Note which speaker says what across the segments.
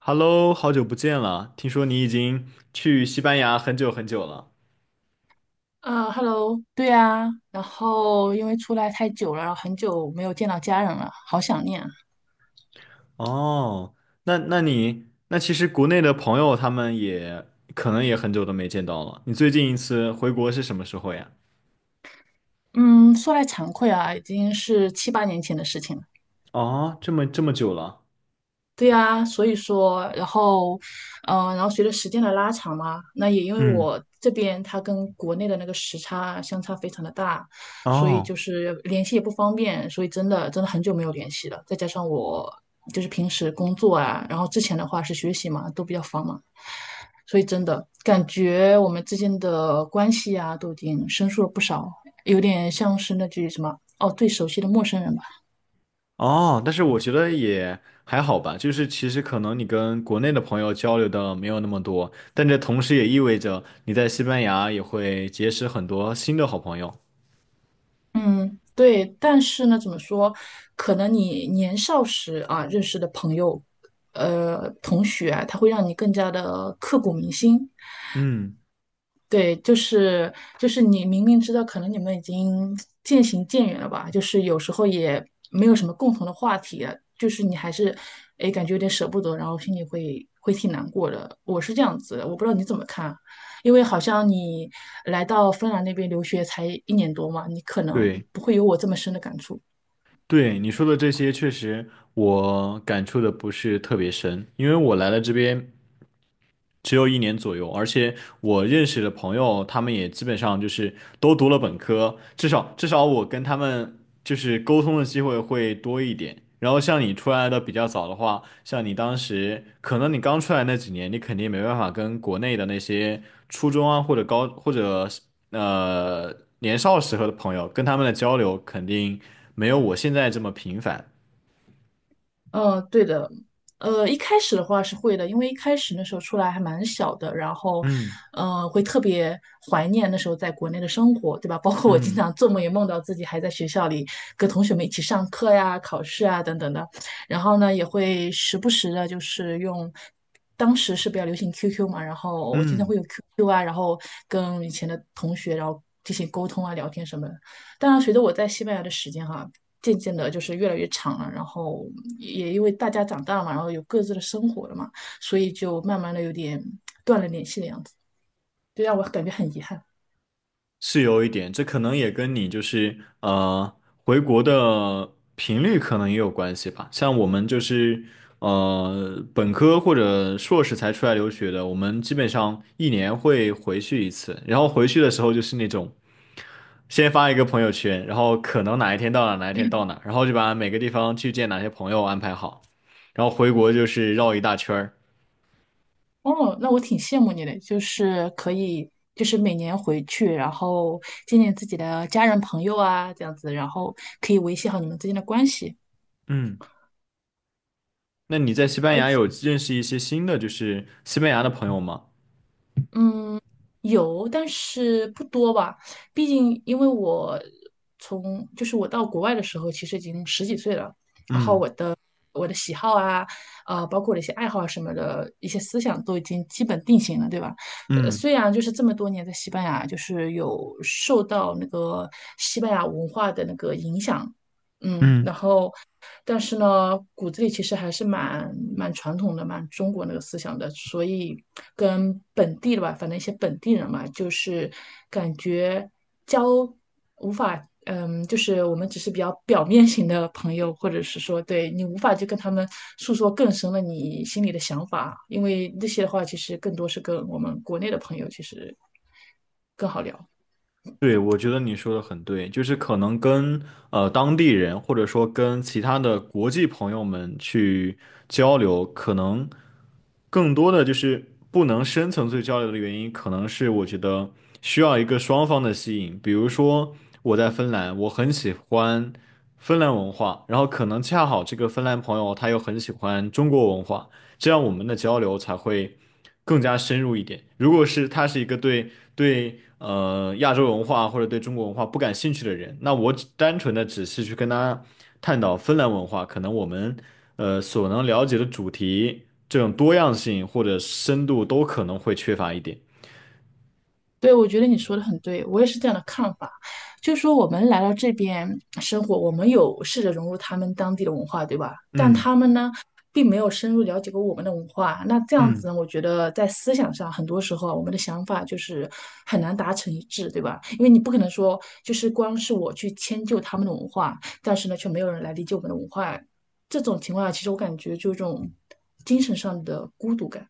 Speaker 1: Hello，好久不见了，听说你已经去西班牙很久很久了。
Speaker 2: Hello，对啊，然后因为出来太久了，然后很久没有见到家人了，好想念啊。
Speaker 1: 哦，那其实国内的朋友他们也可能也很久都没见到了。你最近一次回国是什么时候呀？
Speaker 2: 嗯，说来惭愧啊，已经是七八年前的事情了。
Speaker 1: 哦，这么久了。
Speaker 2: 对呀，所以说，然后，嗯、然后随着时间的拉长嘛，那也因为
Speaker 1: 嗯，
Speaker 2: 我这边它跟国内的那个时差相差非常的大，所以
Speaker 1: 哦
Speaker 2: 就是联系也不方便，所以真的很久没有联系了。再加上我就是平时工作啊，然后之前的话是学习嘛，都比较繁忙，所以真的感觉我们之间的关系啊，都已经生疏了不少，有点像是那句什么哦，最熟悉的陌生人吧。
Speaker 1: 哦，但是我觉得也还好吧，就是其实可能你跟国内的朋友交流的没有那么多，但这同时也意味着你在西班牙也会结识很多新的好朋友。
Speaker 2: 嗯，对，但是呢，怎么说？可能你年少时啊认识的朋友，同学啊，他会让你更加的刻骨铭心。
Speaker 1: 嗯，
Speaker 2: 对，就是你明明知道可能你们已经渐行渐远了吧，就是有时候也没有什么共同的话题了，就是你还是哎感觉有点舍不得，然后心里会挺难过的。我是这样子的，我不知道你怎么看，因为好像你来到芬兰那边留学才一年多嘛，你可能
Speaker 1: 对。
Speaker 2: 不会有我这么深的感触。
Speaker 1: 对你说的这些，确实我感触的不是特别深，因为我来了这边只有一年左右，而且我认识的朋友，他们也基本上就是都读了本科，至少我跟他们就是沟通的机会会多一点。然后像你出来的比较早的话，像你当时可能你刚出来那几年，你肯定没办法跟国内的那些初中啊或者高或者呃年少时候的朋友，跟他们的交流肯定没有我现在这么频繁。
Speaker 2: 嗯，对的，一开始的话是会的，因为一开始那时候出来还蛮小的，然后，
Speaker 1: 嗯
Speaker 2: 嗯，会特别怀念那时候在国内的生活，对吧？包括我经
Speaker 1: 嗯
Speaker 2: 常做梦也梦到自己还在学校里跟同学们一起上课呀、考试啊等等的，然后呢，也会时不时的，就是用。当时是比较流行 QQ 嘛，然后我经常
Speaker 1: 嗯。
Speaker 2: 会有 QQ 啊，然后跟以前的同学，然后进行沟通啊、聊天什么的。当然，随着我在西班牙的时间哈，渐渐的就是越来越长了，然后也因为大家长大了嘛，然后有各自的生活了嘛，所以就慢慢的有点断了联系的样子，就让我感觉很遗憾。
Speaker 1: 是有一点，这可能也跟你就是回国的频率可能也有关系吧。像我们就是本科或者硕士才出来留学的，我们基本上一年会回去一次，然后回去的时候就是那种先发一个朋友圈，然后可能哪一天到哪，然后就把每个地方去见哪些朋友安排好，然后回国就是绕一大圈儿。
Speaker 2: 哦，那我挺羡慕你的，就是可以，就是每年回去，然后见见自己的家人朋友啊，这样子，然后可以维系好你们之间的关系。
Speaker 1: 嗯，那你在西班
Speaker 2: 而
Speaker 1: 牙有认识一些新的就是西班牙的朋友吗？
Speaker 2: 嗯，有，但是不多吧。毕竟因为我从就是我到国外的时候，其实已经十几岁了，
Speaker 1: 嗯
Speaker 2: 我的喜好啊，包括我的一些爱好啊什么的一些思想都已经基本定型了，对吧？
Speaker 1: 嗯
Speaker 2: 虽然就是这么多年在西班牙，就是有受到那个西班牙文化的那个影响，嗯，
Speaker 1: 嗯。
Speaker 2: 然后但是呢，骨子里其实还是蛮传统的，蛮中国那个思想的，所以跟本地的吧，反正一些本地人嘛，就是感觉交无法，嗯，就是我们只是比较表面型的朋友，或者是说对你无法去跟他们诉说更深的你心里的想法，因为那些的话，其实更多是跟我们国内的朋友其实更好聊。
Speaker 1: 对，我觉得你说的很对，就是可能跟当地人，或者说跟其他的国际朋友们去交流，可能更多的就是不能深层次交流的原因，可能是我觉得需要一个双方的吸引。比如说我在芬兰，我很喜欢芬兰文化，然后可能恰好这个芬兰朋友他又很喜欢中国文化，这样我们的交流才会更加深入一点。如果是他是一个对亚洲文化或者对中国文化不感兴趣的人，那我只单纯的只是去跟他探讨芬兰文化，可能我们所能了解的主题这种多样性或者深度都可能会缺乏一点。
Speaker 2: 对，我觉得你说的很对，我也是这样的看法。就是说，我们来到这边生活，我们有试着融入他们当地的文化，对吧？但
Speaker 1: 嗯
Speaker 2: 他们呢，并没有深入了解过我们的文化。那这样子
Speaker 1: 嗯。
Speaker 2: 呢，我觉得在思想上，很多时候啊我们的想法就是很难达成一致，对吧？因为你不可能说，就是光是我去迁就他们的文化，但是呢，却没有人来理解我们的文化。这种情况下，其实我感觉就有一种精神上的孤独感。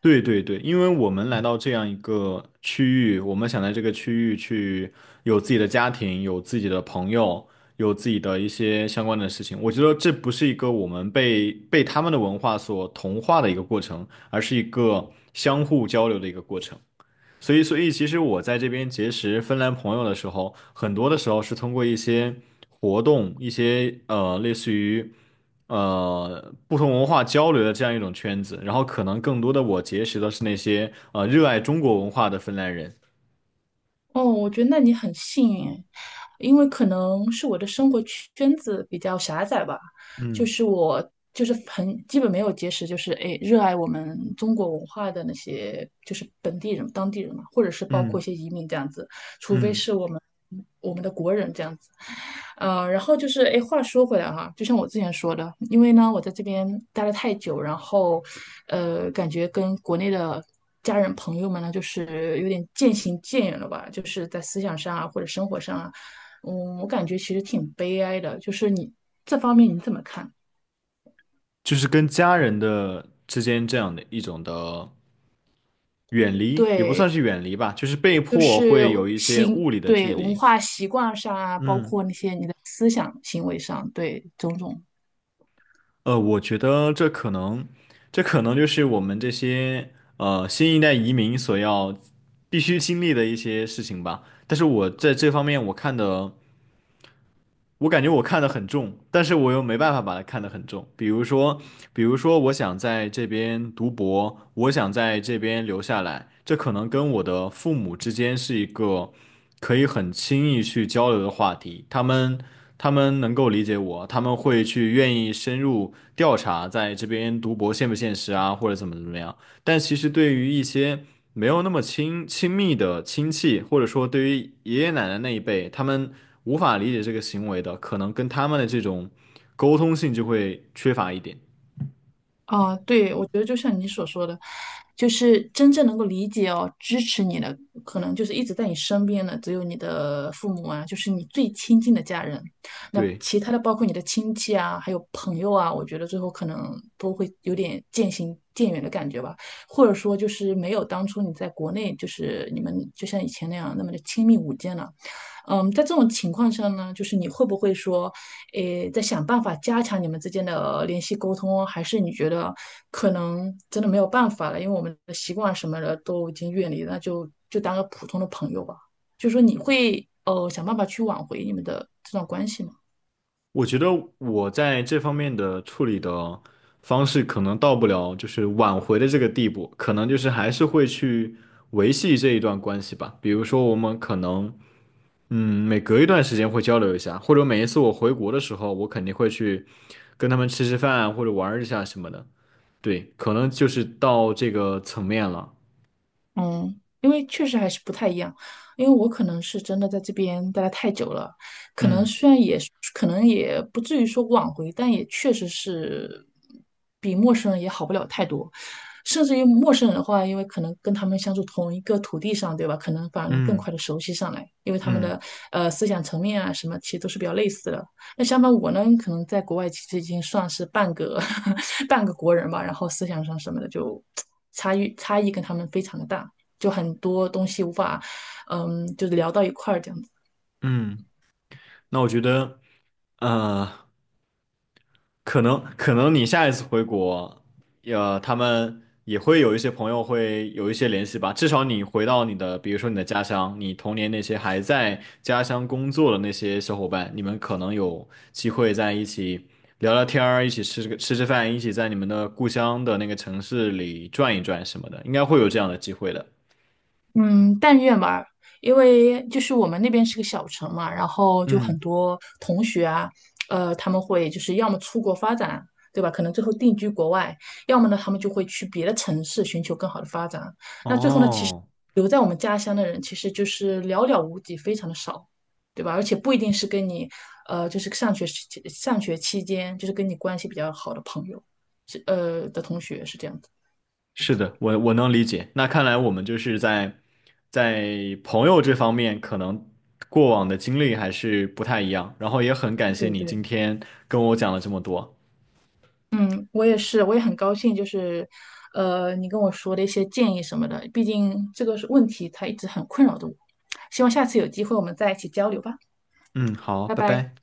Speaker 1: 对对对，因为我们来到这样一个区域，我们想在这个区域去有自己的家庭，有自己的朋友，有自己的一些相关的事情。我觉得这不是一个我们被他们的文化所同化的一个过程，而是一个相互交流的一个过程。所以，所以其实我在这边结识芬兰朋友的时候，很多的时候是通过一些活动，一些类似于不同文化交流的这样一种圈子，然后可能更多的我结识的是那些热爱中国文化的芬兰人，
Speaker 2: 哦，我觉得那你很幸运诶因为可能是我的生活圈子比较狭窄吧，就
Speaker 1: 嗯
Speaker 2: 是我就是很基本没有结识，就是诶热爱我们中国文化的那些就是本地人、当地人嘛，或者是包括一
Speaker 1: 嗯
Speaker 2: 些移民这样子。除非
Speaker 1: 嗯，
Speaker 2: 是我们的国人这样子。然后就是，哎，话说回来哈、就像我之前说的，因为呢，我在这边待了太久，然后，感觉跟国内的家人朋友们呢，就是有点渐行渐远了吧，就是在思想上啊，或者生活上啊，嗯，我感觉其实挺悲哀的，就是你这方面你怎么看？
Speaker 1: 就是跟家人的之间这样的一种的远离，也不
Speaker 2: 对，
Speaker 1: 算是远离吧，就是被
Speaker 2: 就
Speaker 1: 迫
Speaker 2: 是
Speaker 1: 会有一些
Speaker 2: 行，
Speaker 1: 物理的距
Speaker 2: 对，文
Speaker 1: 离，
Speaker 2: 化习惯上啊，包
Speaker 1: 嗯，
Speaker 2: 括那些你的思想行为上，对，种种。
Speaker 1: 我觉得这可能，这可能就是我们这些新一代移民所要必须经历的一些事情吧。但是我在这方面我看的我感觉我看得很重，但是我又没办法把它看得很重。比如说，比如说，我想在这边读博，我想在这边留下来，这可能跟我的父母之间是一个可以很轻易去交流的话题。他们能够理解我，他们会去愿意深入调查在这边读博现不现实啊，或者怎么怎么样。但其实对于一些没有那么亲密的亲戚，或者说对于爷爷奶奶那一辈，他们无法理解这个行为的，可能跟他们的这种沟通性就会缺乏一点。
Speaker 2: 啊，对，我觉得就像你所说的，就是真正能够理解哦、支持你的，可能就是一直在你身边的，只有你的父母啊，就是你最亲近的家人。那
Speaker 1: 对，
Speaker 2: 其他的，包括你的亲戚啊，还有朋友啊，我觉得最后可能都会有点渐行渐远的感觉吧，或者说就是没有当初你在国内，就是你们就像以前那样那么的亲密无间了。嗯，在这种情况下呢，就是你会不会说，诶，在想办法加强你们之间的联系沟通，还是你觉得可能真的没有办法了，因为我们的习惯什么的都已经远离了，那就就当个普通的朋友吧。就说你会想办法去挽回你们的这段关系吗？
Speaker 1: 我觉得我在这方面的处理的方式可能到不了就是挽回的这个地步，可能就是还是会去维系这一段关系吧。比如说，我们可能嗯每隔一段时间会交流一下，或者每一次我回国的时候，我肯定会去跟他们吃吃饭或者玩儿一下什么的。对，可能就是到这个层面了。
Speaker 2: 嗯，因为确实还是不太一样，因为我可能是真的在这边待得太久了，可能
Speaker 1: 嗯
Speaker 2: 虽然也可能也不至于说挽回，但也确实是比陌生人也好不了太多，甚至于陌生人的话，因为可能跟他们相处同一个土地上，对吧？可能反而能更
Speaker 1: 嗯
Speaker 2: 快的熟悉上来，因为他们
Speaker 1: 嗯
Speaker 2: 的思想层面啊什么，其实都是比较类似的。那相反我呢，可能在国外其实已经算是半个 半个国人吧，然后思想上什么的就 差异跟他们非常的大。就很多东西无法，嗯，就是聊到一块儿这样子。
Speaker 1: 嗯，那我觉得，呃，可能你下一次回国，他们也会有一些朋友会有一些联系吧。至少你回到你的，比如说你的家乡，你童年那些还在家乡工作的那些小伙伴，你们可能有机会在一起聊聊天儿，一起吃个吃饭，一起在你们的故乡的那个城市里转一转什么的，应该会有这样的机会的。
Speaker 2: 嗯，但愿吧，因为就是我们那边是个小城嘛，然后就很
Speaker 1: 嗯
Speaker 2: 多同学啊，他们会就是要么出国发展，对吧？可能最后定居国外，要么呢，他们就会去别的城市寻求更好的发展。
Speaker 1: 哦，
Speaker 2: 留在我们家乡的人其实就是寥寥无几，非常的少，对吧？而且不一定是跟你，就是上学时期上学期间，就是跟你关系比较好的朋友，是的同学是这样的。
Speaker 1: 是的，我能理解。那看来我们就是在朋友这方面，可能过往的经历还是不太一样。然后也很感谢
Speaker 2: 对
Speaker 1: 你
Speaker 2: 对。
Speaker 1: 今天跟我讲了这么多。
Speaker 2: 我也是，我也很高兴，就是，你跟我说的一些建议什么的，毕竟这个是问题，它一直很困扰着我。希望下次有机会我们再一起交流吧，
Speaker 1: 嗯，好，
Speaker 2: 拜
Speaker 1: 拜
Speaker 2: 拜。
Speaker 1: 拜。